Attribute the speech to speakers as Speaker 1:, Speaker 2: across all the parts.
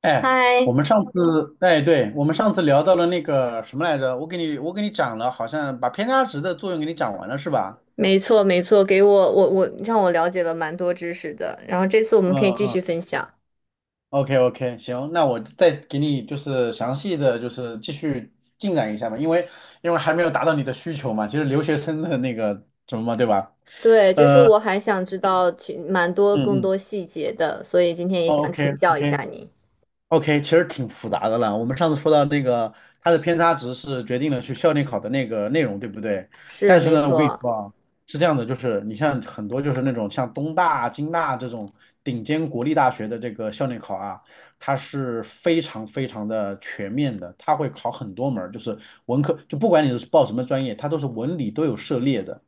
Speaker 1: 哎，我
Speaker 2: 嗨，
Speaker 1: 们上次，哎，对，我们上次聊到了那个什么来着？我给你讲了，好像把偏差值的作用给你讲完了，是吧？
Speaker 2: 没错没错，给我我我让我了解了蛮多知识的，然后这次我们
Speaker 1: 嗯
Speaker 2: 可以继
Speaker 1: 嗯。
Speaker 2: 续分享。
Speaker 1: OK OK，行，那我再给你就是详细的就是继续进展一下吧，因为还没有达到你的需求嘛，其实留学生的那个什么嘛，对吧？
Speaker 2: 对，就是
Speaker 1: 呃，
Speaker 2: 我还想知道其蛮多
Speaker 1: 嗯
Speaker 2: 更
Speaker 1: 嗯
Speaker 2: 多细节的，所以今天也想
Speaker 1: ，OK
Speaker 2: 请教一
Speaker 1: OK，
Speaker 2: 下你。
Speaker 1: OK，其实挺复杂的了。我们上次说到那个，它的偏差值是决定了去校内考的那个内容，对不对？
Speaker 2: 是，
Speaker 1: 但是
Speaker 2: 没
Speaker 1: 呢，我跟你
Speaker 2: 错，
Speaker 1: 说啊，是这样的，就是你像很多就是那种像东大啊、京大啊这种顶尖国立大学的这个校内考啊，它是非常非常的全面的，它会考很多门儿就是文科，就不管你是报什么专业，它都是文理都有涉猎的。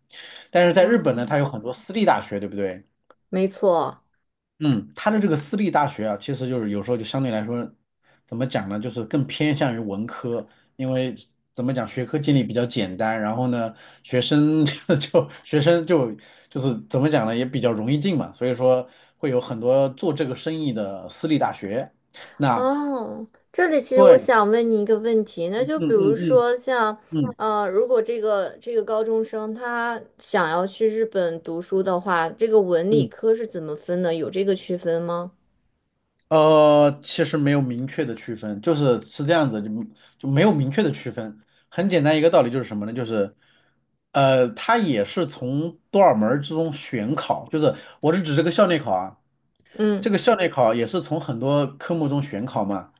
Speaker 1: 但是在日本呢，
Speaker 2: 哦，
Speaker 1: 它有很多私立大学，对不对？
Speaker 2: 没错，
Speaker 1: 嗯，它的这个私立大学啊，其实就是有时候就相对来说，怎么讲呢，就是更偏向于文科，因为怎么讲，学科建立比较简单，然后呢，学生 就学生就是怎么讲呢，也比较容易进嘛，所以说会有很多做这个生意的私立大学。那
Speaker 2: 哦，这里其实我
Speaker 1: 对，
Speaker 2: 想问你一个问题，那
Speaker 1: 嗯
Speaker 2: 就比如
Speaker 1: 嗯嗯
Speaker 2: 说像，
Speaker 1: 嗯
Speaker 2: 如果这个高中生他想要去日本读书的话，这个文理
Speaker 1: 嗯，
Speaker 2: 科是怎么分的？有这个区分吗？
Speaker 1: 其实没有明确的区分，就是是这样子，就没有明确的区分。很简单一个道理就是什么呢？就是它也是从多少门儿之中选考，就是我是指这个校内考啊，
Speaker 2: 嗯。
Speaker 1: 这个校内考也是从很多科目中选考嘛，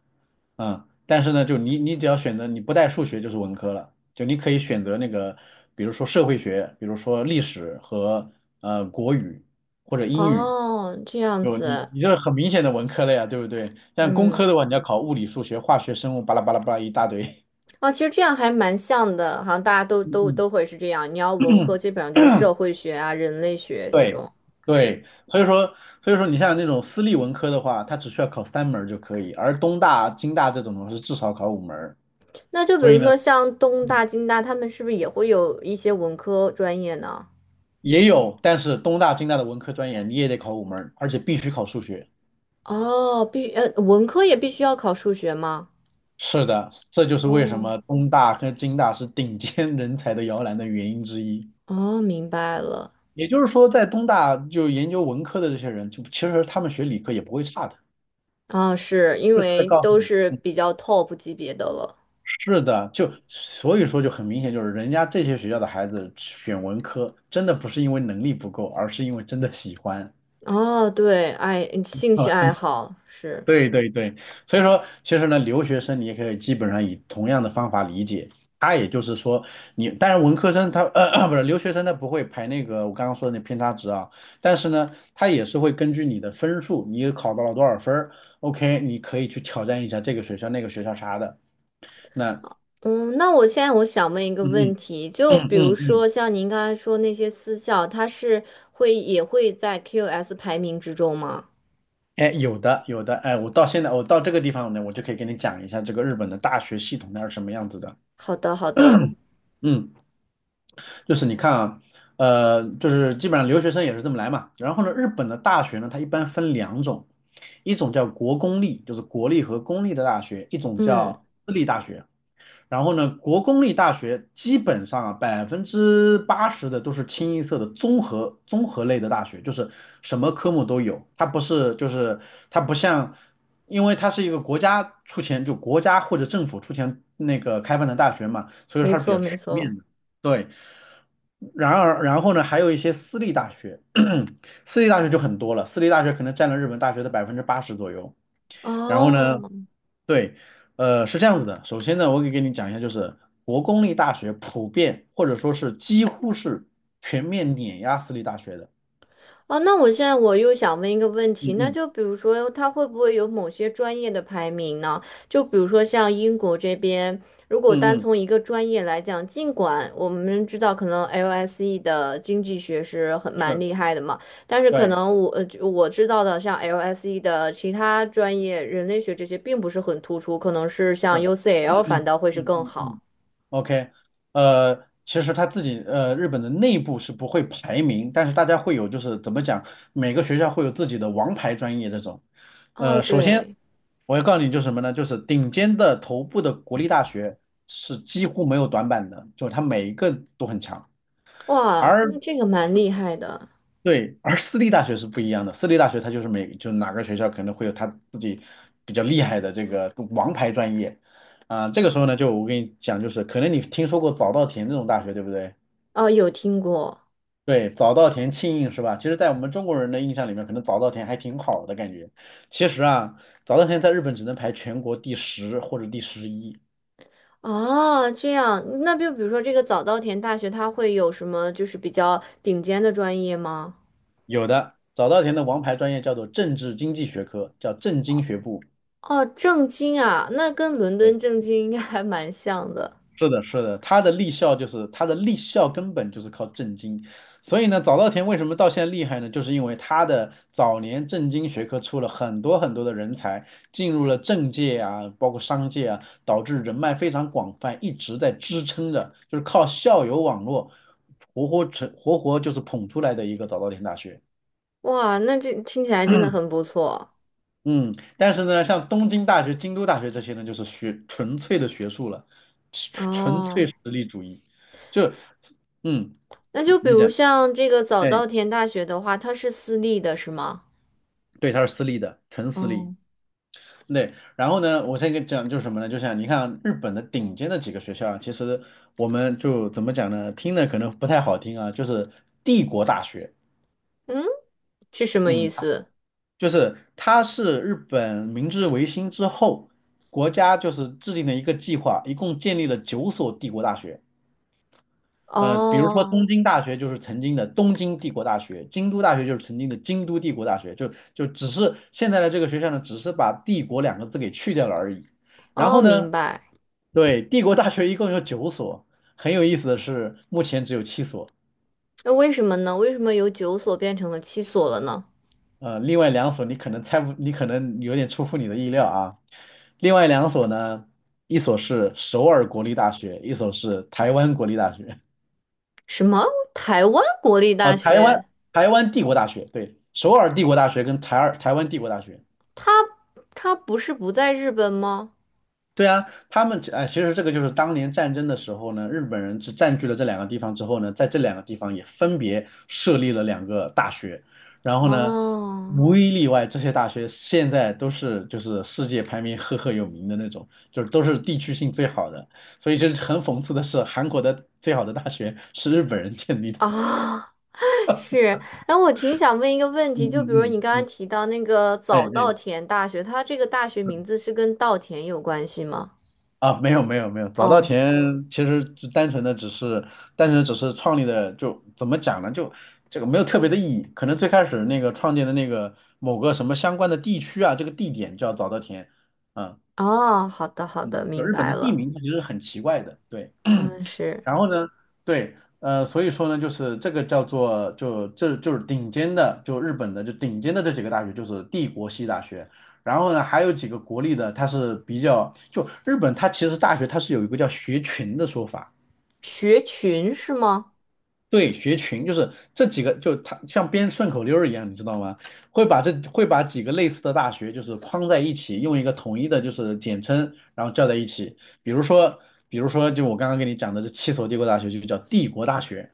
Speaker 1: 嗯，但是呢，就你只要选择你不带数学就是文科了，就你可以选择那个，比如说社会学，比如说历史和国语或者英语。
Speaker 2: 哦，这样子，
Speaker 1: 你这很明显的文科类呀，对不对？但工科
Speaker 2: 嗯，
Speaker 1: 的话，你要考物理、数学、化学、生物，巴拉巴拉巴拉一大堆。
Speaker 2: 哦，其实这样还蛮像的，好像大家都
Speaker 1: 嗯
Speaker 2: 都
Speaker 1: 嗯，
Speaker 2: 都会是这样。你要文科，基本上就是社会学啊、人类学这
Speaker 1: 对
Speaker 2: 种。是，
Speaker 1: 对，所以说你像那种私立文科的话，它只需要考三门儿就可以，而东大、京大这种的话是至少考五门儿。
Speaker 2: 那就比
Speaker 1: 所以
Speaker 2: 如
Speaker 1: 呢，
Speaker 2: 说像东大、
Speaker 1: 嗯，
Speaker 2: 京大，他们是不是也会有一些文科专业呢？
Speaker 1: 也有，但是东大、京大的文科专业你也得考五门儿，而且必须考数学。
Speaker 2: 哦，文科也必须要考数学吗？
Speaker 1: 是的，这就是为什
Speaker 2: 哦，
Speaker 1: 么东大和京大是顶尖人才的摇篮的原因之一。
Speaker 2: 哦，明白了。
Speaker 1: 也就是说，在东大就研究文科的这些人，就其实他们学理科也不会差的，
Speaker 2: 啊，是因
Speaker 1: 就是在
Speaker 2: 为
Speaker 1: 告诉
Speaker 2: 都
Speaker 1: 你，
Speaker 2: 是比较 top 级别的了。
Speaker 1: 是的，就所以说就很明显，就是人家这些学校的孩子选文科，真的不是因为能力不够，而是因为真的喜欢。
Speaker 2: 哦，对，爱兴趣 爱好是。
Speaker 1: 对对对，所以说其实呢，留学生你也可以基本上以同样的方法理解，他也就是说你，当然文科生他不是留学生他不会排那个我刚刚说的那偏差值啊，但是呢，他也是会根据你的分数，你考到了多少分儿，OK，你可以去挑战一下这个学校那个学校啥的，那
Speaker 2: 嗯，那我现在我想问一个
Speaker 1: 嗯
Speaker 2: 问
Speaker 1: 嗯
Speaker 2: 题，就
Speaker 1: 嗯
Speaker 2: 比如
Speaker 1: 嗯嗯，
Speaker 2: 说像您刚才说那些私校，它是会也会在 QS 排名之中吗？
Speaker 1: 哎有的有的，哎我到这个地方呢，我就可以给你讲一下这个日本的大学系统它是什么样子的，
Speaker 2: 好的，好的，
Speaker 1: 嗯。就是你看啊，就是基本上留学生也是这么来嘛。然后呢，日本的大学呢，它一般分两种，一种叫国公立，就是国立和公立的大学，一种
Speaker 2: 嗯，
Speaker 1: 叫私立大学。然后呢，国公立大学基本上啊，百分之八十的都是清一色的综合类的大学，就是什么科目都有。它不是就是它不像，因为它是一个国家出钱，就国家或者政府出钱那个开办的大学嘛，所以说
Speaker 2: 没
Speaker 1: 它是比
Speaker 2: 错，
Speaker 1: 较
Speaker 2: 没
Speaker 1: 全
Speaker 2: 错。
Speaker 1: 面的。对，然而，然后呢，还有一些私立大学，私立大学就很多了，私立大学可能占了日本大学的百分之八十左右。然后呢，
Speaker 2: 哦，
Speaker 1: 对，是这样子的。首先呢，我可以给你讲一下，就是国公立大学普遍或者说是几乎是全面碾压私立大学的。
Speaker 2: 哦，那我现在我又想问一个问
Speaker 1: 嗯
Speaker 2: 题，那
Speaker 1: 嗯
Speaker 2: 就比如说，它会不会有某些专业的排名呢？就比如说像英国这边，如果单
Speaker 1: 嗯嗯，
Speaker 2: 从一个专业来讲，尽管我们知道可能 LSE 的经济学是很蛮
Speaker 1: 是，
Speaker 2: 厉害的嘛，但是可
Speaker 1: 对，
Speaker 2: 能我知道的像 LSE 的其他专业，人类学这些并不是很突出，可能是
Speaker 1: 是，
Speaker 2: 像 UCL 反
Speaker 1: 嗯
Speaker 2: 倒会是
Speaker 1: 嗯
Speaker 2: 更
Speaker 1: 嗯
Speaker 2: 好。
Speaker 1: 嗯。OK，其实他自己日本的内部是不会排名，但是大家会有就是怎么讲，每个学校会有自己的王牌专业这种。
Speaker 2: 哦，
Speaker 1: 首先
Speaker 2: 对，
Speaker 1: 我要告诉你就是什么呢？就是顶尖的头部的国立大学是几乎没有短板的，就是它每一个都很强。
Speaker 2: 哇，
Speaker 1: 而
Speaker 2: 那这个蛮厉害的，
Speaker 1: 对，而私立大学是不一样的，私立大学它就是就哪个学校可能会有它自己比较厉害的这个王牌专业，啊、这个时候呢，就我跟你讲，就是可能你听说过早稻田这种大学，对不对？
Speaker 2: 哦，有听过。
Speaker 1: 对，早稻田、庆应是吧？其实，在我们中国人的印象里面，可能早稻田还挺好的感觉。其实啊，早稻田在日本只能排全国第十或者第十一，
Speaker 2: 哦，这样，那就比如说这个早稻田大学，它会有什么就是比较顶尖的专业吗？
Speaker 1: 有的早稻田的王牌专业叫做政治经济学科，叫政经学部。
Speaker 2: 哦，政经啊，那跟伦敦政经应该还蛮像的。
Speaker 1: 是的，是的，他的立校根本就是靠政经，所以呢，早稻田为什么到现在厉害呢？就是因为他的早年政经学科出了很多很多的人才，进入了政界啊，包括商界啊，导致人脉非常广泛，一直在支撑着，就是靠校友网络活活成活活就是捧出来的一个早稻田大学。
Speaker 2: 哇，那这听起来真的 很不错。
Speaker 1: 嗯，但是呢，像东京大学、京都大学这些呢，就是学纯粹的学术了，纯粹
Speaker 2: 哦，
Speaker 1: 实力主义。就，嗯，
Speaker 2: 那就比
Speaker 1: 你
Speaker 2: 如
Speaker 1: 讲，
Speaker 2: 像这个早
Speaker 1: 哎，
Speaker 2: 稻田大学的话，它是私立的，是吗？
Speaker 1: 对，它是私立的，纯私立。
Speaker 2: 哦，
Speaker 1: 对，然后呢，我先跟你讲就是什么呢？就像你看日本的顶尖的几个学校啊，其实我们就怎么讲呢？听的可能不太好听啊，就是帝国大学，
Speaker 2: 嗯，是什么意
Speaker 1: 嗯，
Speaker 2: 思？
Speaker 1: 就是它是日本明治维新之后，国家就是制定了一个计划，一共建立了九所帝国大学。比如说
Speaker 2: 哦，
Speaker 1: 东京大学就是曾经的东京帝国大学，京都大学就是曾经的京都帝国大学，就只是现在的这个学校呢，只是把"帝国"两个字给去掉了而已。然
Speaker 2: 哦，
Speaker 1: 后
Speaker 2: 明
Speaker 1: 呢，
Speaker 2: 白。
Speaker 1: 对，帝国大学一共有九所，很有意思的是，目前只有七所，
Speaker 2: 那为什么呢？为什么由九所变成了七所了呢？
Speaker 1: 另外两所你可能猜不，你可能有点出乎你的意料啊。另外两所呢，一所是首尔国立大学，一所是台湾国立大学。
Speaker 2: 什么？台湾国立
Speaker 1: 啊，
Speaker 2: 大学？
Speaker 1: 台湾帝国大学，对，首尔帝国大学跟台湾帝国大学，
Speaker 2: 他他不是不在日本吗？
Speaker 1: 对啊，他们哎，其实这个就是当年战争的时候呢，日本人是占据了这两个地方之后呢，在这两个地方也分别设立了两个大学，然后呢，
Speaker 2: 哦
Speaker 1: 无一例外，这些大学现在都是就是世界排名赫赫有名的那种，就是都是地区性最好的，所以就是很讽刺的是，韩国的最好的大学是日本人建立的。
Speaker 2: 啊，是。哎，我挺想问一个问
Speaker 1: 嗯
Speaker 2: 题，就比
Speaker 1: 嗯
Speaker 2: 如你
Speaker 1: 嗯
Speaker 2: 刚刚
Speaker 1: 嗯，
Speaker 2: 提到那个
Speaker 1: 哎
Speaker 2: 早稻
Speaker 1: 哎。
Speaker 2: 田大学，它这个大学名字是跟稻田有关系吗？
Speaker 1: 啊，没有没有没有，早稻
Speaker 2: 哦
Speaker 1: 田其实就单纯的只是创立的，就怎么讲呢？就这个没有特别的意义，可能最开始那个创建的那个某个什么相关的地区啊，这个地点叫早稻田，嗯。
Speaker 2: 哦，好的好的，
Speaker 1: 嗯，就
Speaker 2: 明
Speaker 1: 日本
Speaker 2: 白
Speaker 1: 的地
Speaker 2: 了。
Speaker 1: 名它其实很奇怪的，对。
Speaker 2: 嗯，是
Speaker 1: 然后呢，对，所以说呢，就是这个叫做就这就是顶尖的，就日本的就顶尖的这几个大学就是帝国系大学，然后呢还有几个国立的，它是比较就日本它其实大学它是有一个叫学群的说法。
Speaker 2: 学群是吗？
Speaker 1: 对，学群就是这几个，就它像编顺口溜儿一样，你知道吗？会把几个类似的大学就是框在一起，用一个统一的就是简称，然后叫在一起。比如说，比如说就我刚刚跟你讲的这七所帝国大学就叫帝国大学，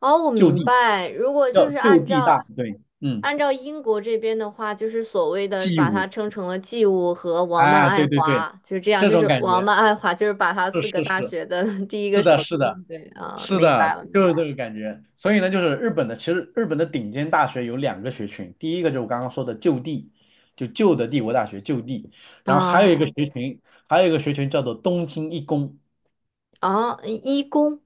Speaker 2: 哦，我
Speaker 1: 就
Speaker 2: 明
Speaker 1: 地
Speaker 2: 白。如果就
Speaker 1: 叫
Speaker 2: 是按
Speaker 1: 就地
Speaker 2: 照
Speaker 1: 大，对，嗯
Speaker 2: 按照英国这边的话，就是所谓的
Speaker 1: ，G
Speaker 2: 把它
Speaker 1: 五，
Speaker 2: 称成了季物和王曼
Speaker 1: 啊，
Speaker 2: 爱
Speaker 1: 对对对，
Speaker 2: 华，就是这样。
Speaker 1: 这
Speaker 2: 就
Speaker 1: 种
Speaker 2: 是
Speaker 1: 感
Speaker 2: 王
Speaker 1: 觉
Speaker 2: 曼爱华，就是把他
Speaker 1: 是
Speaker 2: 四
Speaker 1: 是
Speaker 2: 个大
Speaker 1: 是
Speaker 2: 学的 第一个
Speaker 1: 是
Speaker 2: 首
Speaker 1: 的是的。
Speaker 2: 对啊，
Speaker 1: 是
Speaker 2: 明白
Speaker 1: 的，
Speaker 2: 了，明
Speaker 1: 就
Speaker 2: 白
Speaker 1: 是这个
Speaker 2: 了。
Speaker 1: 感觉。所以呢，就是日本的，其实日本的顶尖大学有两个学群，第一个就是我刚刚说的就地，就旧的帝国大学就地，然后还有一
Speaker 2: 啊
Speaker 1: 个学群，叫做东京一工，
Speaker 2: 哦，一工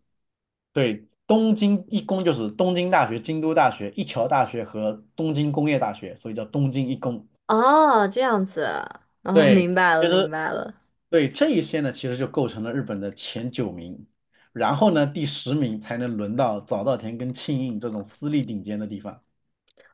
Speaker 1: 对，东京一工就是东京大学、京都大学、一桥大学和东京工业大学，所以叫东京一工。
Speaker 2: 哦，啊这样子哦，
Speaker 1: 对，
Speaker 2: 明白了，
Speaker 1: 其
Speaker 2: 明
Speaker 1: 实
Speaker 2: 白了。
Speaker 1: 对这一些呢，其实就构成了日本的前九名，然后呢，第10名才能轮到早稻田跟庆应这种私立顶尖的地方。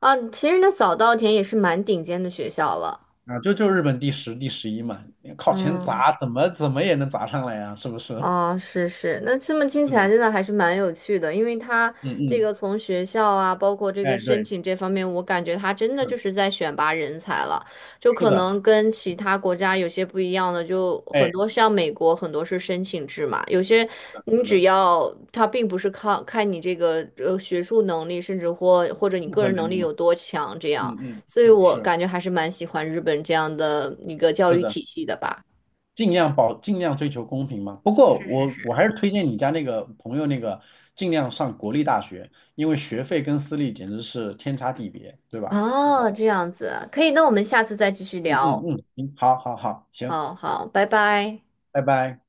Speaker 2: 啊，其实那早稻田也是蛮顶尖的学校了。
Speaker 1: 啊，就日本第十、第十一嘛，你靠钱
Speaker 2: 嗯。
Speaker 1: 砸，怎么怎么也能砸上来呀、是不是？
Speaker 2: 啊，是是，那这么听起
Speaker 1: 是
Speaker 2: 来
Speaker 1: 的，
Speaker 2: 真的还是蛮有趣的，因为他
Speaker 1: 嗯
Speaker 2: 这个
Speaker 1: 嗯，
Speaker 2: 从学校啊，包括这个
Speaker 1: 哎，
Speaker 2: 申
Speaker 1: 对，
Speaker 2: 请这方面，我感觉他真的就
Speaker 1: 是
Speaker 2: 是在选拔人才了，就
Speaker 1: 是
Speaker 2: 可
Speaker 1: 的，
Speaker 2: 能跟其他国家有些不一样的，就
Speaker 1: 哎，
Speaker 2: 很
Speaker 1: 是
Speaker 2: 多像美国很多是申请制嘛，有些
Speaker 1: 的，
Speaker 2: 你
Speaker 1: 是
Speaker 2: 只
Speaker 1: 的，
Speaker 2: 要他并不是靠看你这个学术能力，甚至或者你
Speaker 1: 综
Speaker 2: 个
Speaker 1: 合
Speaker 2: 人
Speaker 1: 能
Speaker 2: 能力
Speaker 1: 力嘛，
Speaker 2: 有多强这
Speaker 1: 嗯
Speaker 2: 样，
Speaker 1: 嗯，
Speaker 2: 所以
Speaker 1: 是
Speaker 2: 我
Speaker 1: 是
Speaker 2: 感觉还是蛮喜欢日本这样的一个教
Speaker 1: 是
Speaker 2: 育
Speaker 1: 的，
Speaker 2: 体系的吧。
Speaker 1: 尽量追求公平嘛。不过
Speaker 2: 是是是。
Speaker 1: 我还是推荐你家那个朋友那个，尽量上国立大学，因为学费跟私立简直是天差地别，对吧？
Speaker 2: 哦，这样子啊可以，那我们下次再继续
Speaker 1: 嗯嗯
Speaker 2: 聊。
Speaker 1: 嗯，行，好好好，行，
Speaker 2: 好好，拜拜。
Speaker 1: 拜拜。